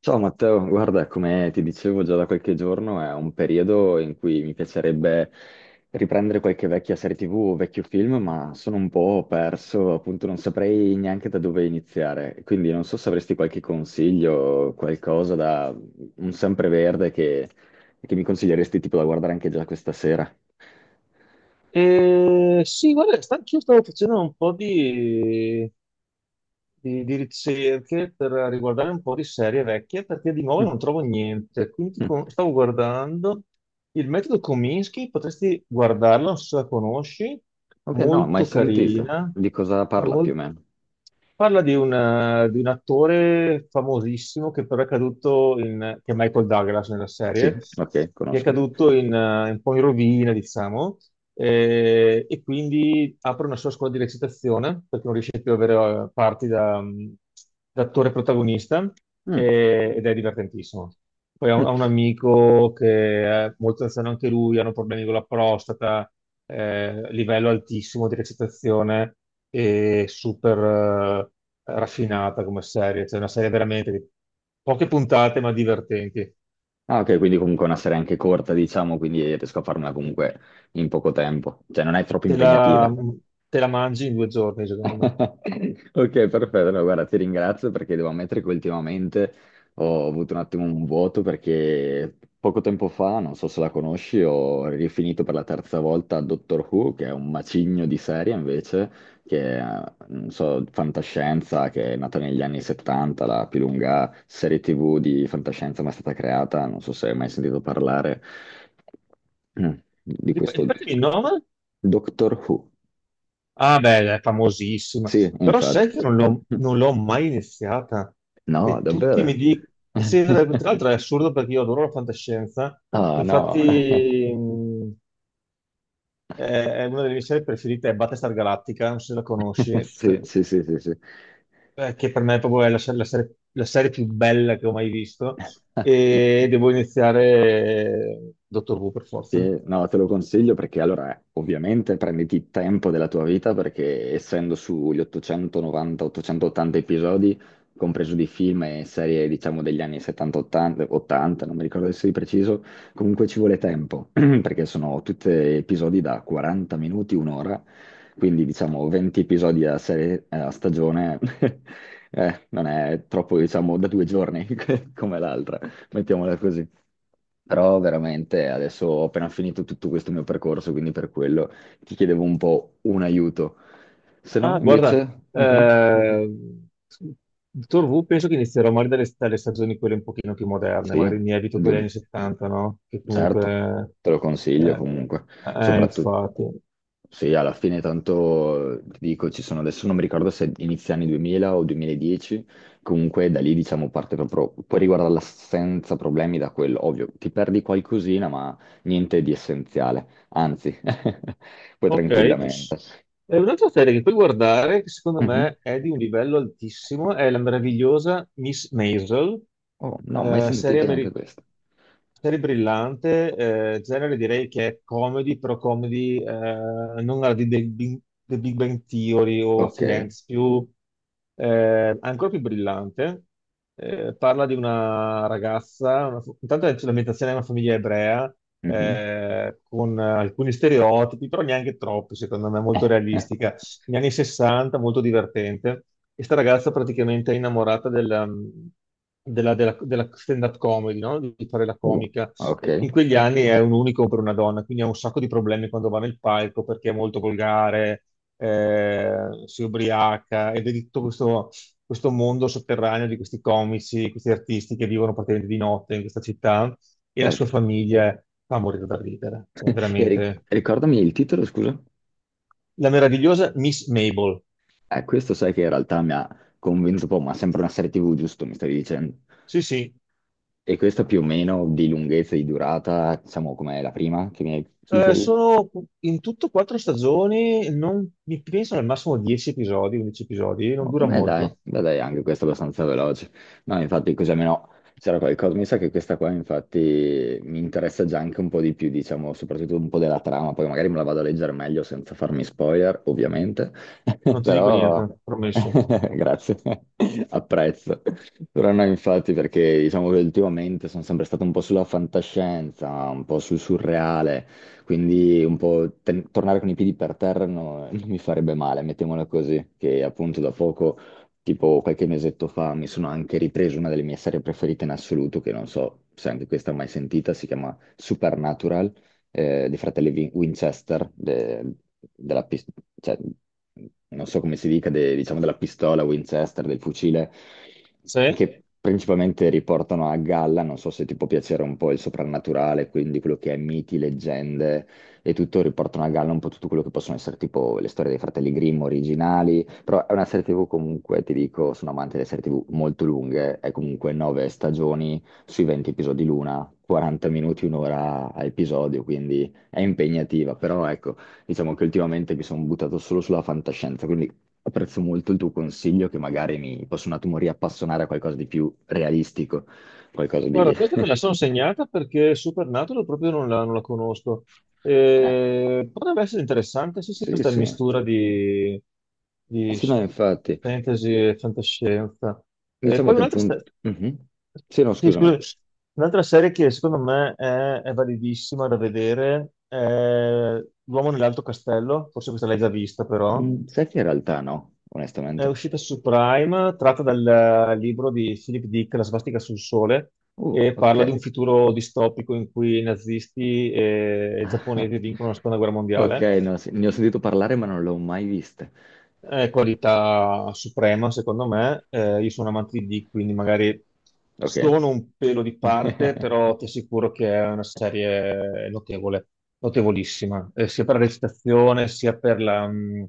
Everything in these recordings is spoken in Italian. Ciao Matteo, guarda, come ti dicevo già da qualche giorno, è un periodo in cui mi piacerebbe riprendere qualche vecchia serie TV o vecchio film, ma sono un po' perso, appunto non saprei neanche da dove iniziare. Quindi non so se avresti qualche consiglio, qualcosa da un sempreverde che mi consiglieresti tipo da guardare anche già questa sera. Eh, sì, guarda, anch'io stavo facendo un po' di ricerche per riguardare un po' di serie vecchie perché di nuovo Mm. non trovo niente. Quindi Mm. Stavo guardando il metodo Kominsky, potresti guardarla, non so se la conosci, Ok, no, mai molto sentita. carina, Di cosa guarda, parla più o mol- meno? Parla di un attore famosissimo che però è caduto in, che è Michael Douglas nella Sì, serie, ok, che è conosco. caduto in, un po' in rovina, diciamo, e quindi apre una sua scuola di recitazione perché non riesce più ad avere parti da, da attore protagonista Mm. Ed è divertentissimo. Poi ho Mm. ho un amico che è molto anziano anche lui, hanno problemi con la prostata, livello altissimo di recitazione e super raffinata come serie, cioè una serie veramente di poche puntate ma divertenti. Ah, ok, quindi comunque è una serie anche corta, diciamo, quindi riesco a farmela comunque in poco tempo. Cioè, non è troppo Te la, impegnativa. te la mangi in 2 giorni, secondo me. Ok, perfetto. No, guarda, ti ringrazio perché devo ammettere che ultimamente ho avuto un attimo un vuoto perché poco tempo fa, non so se la conosci, ho rifinito per la terza volta Doctor Who, che è un macigno di serie invece, che non so, fantascienza, che è nata negli anni 70, la più lunga serie TV di fantascienza mai stata creata, non so se hai mai sentito parlare mm, di Rip- questo Ripetimi il nome? Doctor Who. Ah, beh, è famosissima. Sì, Però sai infatti. che non l'ho mai iniziata. No, E tutti mi davvero? dicono... Sì, tra l'altro è assurdo perché io adoro la fantascienza. Ah, no. Infatti, è è una delle mie serie preferite, è Battlestar Galactica, non so se la conosci, Sì, sì, sì, sì, sì. Che per me proprio è la serie più bella che ho mai visto. E devo iniziare Dottor Who per forza. Sì, no, te lo consiglio perché allora ovviamente prenditi il tempo della tua vita perché essendo sugli 890-880 episodi, compreso di film e serie diciamo degli anni 70-80, 80, non mi ricordo adesso di preciso, comunque ci vuole tempo perché sono tutti episodi da 40 minuti, un'ora, quindi diciamo 20 episodi a, serie, a stagione non è troppo diciamo da 2 giorni come l'altra mettiamola così. Però veramente adesso ho appena finito tutto questo mio percorso, quindi per quello ti chiedevo un po' un aiuto. Se no, Ah, guarda, invece, ehm, Dottor Who penso che inizierò magari dalle stagioni quelle un pochino più moderne, sì, magari mi evito quelle anni du- 70, no? Che certo, comunque... te lo consiglio Eh, comunque, eh, soprattutto. infatti. Sì, alla fine tanto ti dico, ci sono adesso non mi ricordo se inizia anni 2000 o 2010, comunque da lì diciamo parte proprio, puoi riguardarla senza problemi da quello, ovvio, ti perdi qualcosina ma niente di essenziale, anzi, puoi Ok. tranquillamente. E un'altra serie che puoi guardare, che secondo Mhm. me è di un livello altissimo, è la meravigliosa Miss Maisel, Oh, no, mai serie sentita neanche americana. questa. Serie brillante, genere direi che è comedy, però comedy non alla di The Big Bang Theory o Ok. Friends, più, ancora più brillante. Parla di una ragazza, intanto è sull'ambientazione di una famiglia ebrea, Mhm. Con alcuni stereotipi, però neanche troppi, secondo me, molto realistica negli anni 60, molto divertente. E sta ragazza praticamente è innamorata della stand-up comedy, no? Di fare la Oh, comica. ok. E in quegli anni è un unico per una donna, quindi ha un sacco di problemi quando va nel palco perché è molto volgare, eh, si ubriaca ed è di tutto questo mondo sotterraneo di questi comici, questi artisti che vivono praticamente di notte in questa città e la sua Certo. famiglia fa morire da ridere. Cioè, E veramente ricordami il titolo, scusa? la meravigliosa Miss Mabel. Questo sai che in realtà mi ha convinto un po', ma sempre una serie TV, giusto, mi stavi dicendo? Sì, sì. E questa più o meno di lunghezza e di durata, diciamo, com'è la prima che mi hai... Sì, Eh, sì. sono in tutto quattro stagioni, non, mi penso al massimo 10 episodi, 11 episodi, non Oh, che dura beh, dai, molto, beh, dai, anche questo è abbastanza veloce. No, infatti, così almeno c'era qualcosa. Mi sa che questa qua, infatti, mi interessa già anche un po' di più, diciamo, soprattutto un po' della trama. Poi magari me la vado a leggere meglio senza farmi spoiler, ovviamente. non ti dico Però, niente, promesso. grazie, apprezzo. Però no, infatti, perché diciamo che ultimamente sono sempre stato un po' sulla fantascienza, un po' sul surreale. Quindi un po' tornare con i piedi per terra non mi farebbe male, mettiamola così, che appunto da poco, tipo qualche mesetto fa, mi sono anche ripreso una delle mie serie preferite in assoluto, che non so se anche questa mai sentita, si chiama Supernatural dei fratelli Winchester, della pis- cioè, non so come si dica, diciamo della pistola Winchester, del fucile, Sì? che principalmente riportano a galla, non so se ti può piacere un po' il soprannaturale, quindi quello che è miti, leggende e tutto, riportano a galla un po' tutto quello che possono essere tipo le storie dei fratelli Grimm originali, però è una serie TV comunque, ti dico, sono amante delle serie TV molto lunghe, è comunque nove stagioni sui 20 episodi l'una, 40 minuti, un'ora a episodio, quindi è impegnativa, però ecco, diciamo che ultimamente mi sono buttato solo sulla fantascienza, quindi apprezzo molto il tuo consiglio che magari mi posso un attimo riappassionare a qualcosa di più realistico, qualcosa di... Guarda, questa me la sono segnata perché Supernatural proprio non la conosco. Eh, Potrebbe essere interessante, sì, sì, sì, questa sì. mistura di Sì, no, infatti, fantasy e fantascienza. Eh, diciamo poi che un'altra appunto... Mhm. Sì, no, sì, scusami. scusa, un'altra serie che secondo me è validissima da vedere è L'uomo nell'alto castello, forse questa l'hai già vista però, Mm, sai che in realtà no, è onestamente. uscita su Prime, tratta dal libro di Philip Dick, La svastica sul sole, e parla Ok. di un futuro distopico in cui i nazisti e i giapponesi vincono la seconda guerra Ok, mondiale. no, sì, ne ho sentito parlare ma non l'ho mai vista. È qualità suprema, secondo me. Io sono amante di Dick, quindi magari Ok. sono un pelo di parte, però ti assicuro che è una serie notevole, notevolissima, sia per la recitazione, sia per la, mh,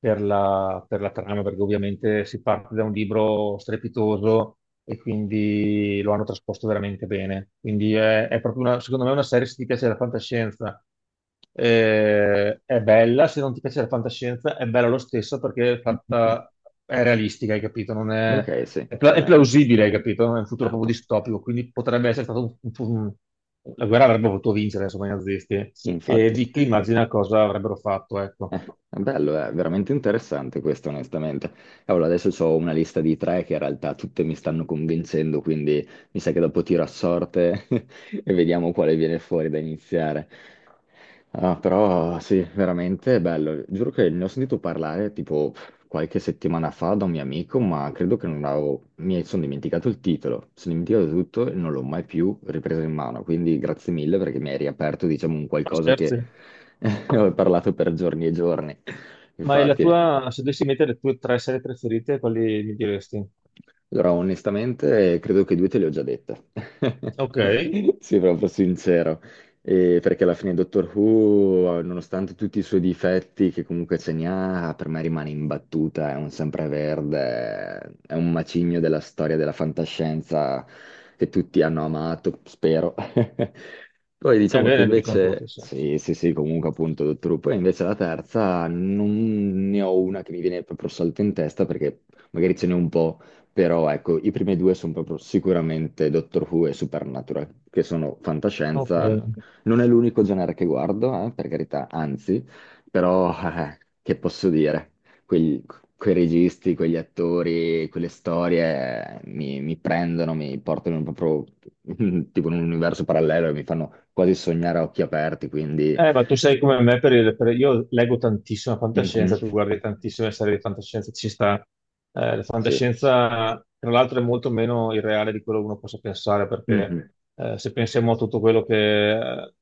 per la, per la trama, perché ovviamente si parte da un libro strepitoso e quindi lo hanno trasposto veramente bene. Quindi è proprio una, secondo me, una serie, se ti piace la fantascienza è bella, se non ti piace la fantascienza, è bella lo stesso perché è fatta, è realistica, hai capito? Non è, Ok, sì, è non è- plausibile, hai capito? Non è un futuro proprio certo. distopico, quindi potrebbe essere stato la guerra avrebbe potuto vincere, insomma, i nazisti. E Infatti, Vicky immagina cosa avrebbero fatto, ecco. è bello, è veramente interessante questo, onestamente. Allora, adesso ho una lista di tre che in realtà tutte mi stanno convincendo, quindi mi sa che dopo tiro a sorte e vediamo quale viene fuori da iniziare. Ah, però sì, veramente è bello. Giuro che ne ho sentito parlare tipo qualche settimana fa da un mio amico, ma credo che non avevo... mi sono dimenticato il titolo, sono dimenticato tutto e non l'ho mai più ripreso in mano, quindi grazie mille perché mi hai riaperto, diciamo, un Ma qualcosa che scherzi. ho parlato per giorni e giorni. Ma è la Infatti. tua, se dovessi mettere le tue tre serie preferite, quali mi diresti? Allora, onestamente, credo che due te le ho già dette. Ok, è Sì, proprio sincero. Perché alla fine Doctor Who, nonostante tutti i suoi difetti, che comunque ce ne ha, per me rimane imbattuta, è un sempreverde, è un macigno della storia della fantascienza che tutti hanno amato, spero. Poi diciamo che bene, vi dicono tutti, invece, sì. sì, sì, sì, comunque appunto Doctor Who, poi invece la terza non ne ho una che mi viene proprio salto in testa perché magari ce n'è un po'. Però ecco, i primi due sono proprio sicuramente Doctor Who e Supernatural, che sono Ok. fantascienza. Non è l'unico genere che guardo, per carità, anzi, però che posso dire? Quegli- quei registi, quegli attori, quelle storie mi prendono, mi portano proprio tipo in un universo parallelo e mi fanno quasi sognare a occhi aperti, quindi... Ma tu sei come me, io leggo tantissima mhm, fantascienza, tu guardi tantissime serie di fantascienza, ci sta. La sì. fantascienza, tra l'altro, è molto meno irreale di quello che uno possa pensare, perché Mhm. Se pensiamo a tutto quello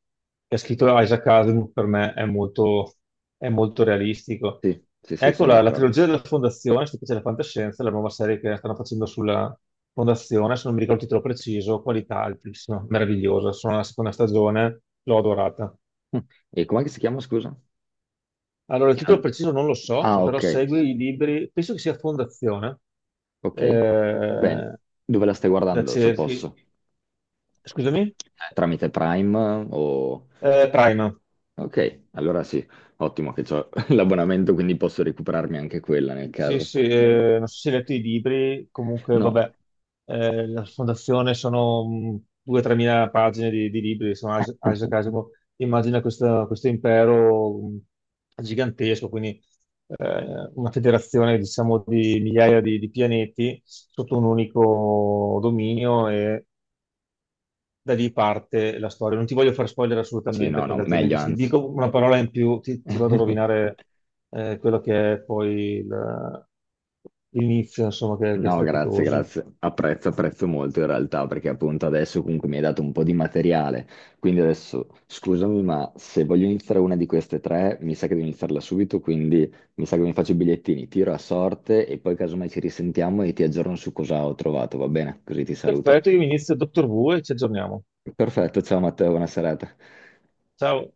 che ha scritto Isaac Asimov, per me è molto realistico. Sì, sì, sì, Ecco sono la d'accordo. trilogia della Fondazione, se ti piace la fantascienza, è la nuova serie che stanno facendo sulla Fondazione, se non mi ricordo il titolo preciso, qualità altissima, meravigliosa, sono alla seconda stagione, l'ho adorata. E com'è che si chiama, scusa? Allora, il Che titolo non ti trovo. preciso non lo so, Ah, però ok, segue i libri, penso che sia Fondazione, ok. Bene. eh, Dove la stai da guardando, se Cerchi, posso? scusami, Tramite Prime o... Prima. Ok, allora sì, ottimo che ho l'abbonamento, quindi posso recuperarmi anche quella nel Sì, caso. sì, non so se hai letto i libri, comunque No, vabbè, la fondazione sono 2-3 mila pagine di libri, insomma, Isaac Asimov immagina questo impero gigantesco, quindi una federazione diciamo di migliaia di pianeti sotto un unico dominio e da lì parte la storia. Non ti voglio far spoiler sì, no, assolutamente, no, perché altrimenti meglio se ti anzi. dico una parola in più ti vado a rovinare quello che è poi l'inizio, insomma, che è No, grazie, strepitoso. grazie. Apprezzo, apprezzo molto in realtà perché appunto adesso comunque mi hai dato un po' di materiale. Quindi adesso scusami, ma se voglio iniziare una di queste tre, mi sa che devo iniziarla subito, quindi mi sa che mi faccio i bigliettini, tiro a sorte e poi casomai ci risentiamo e ti aggiorno su cosa ho trovato, va bene? Così ti saluto. Perfetto, io inizio Dottor Who e ci aggiorniamo. Perfetto, ciao Matteo, buona serata. Ciao.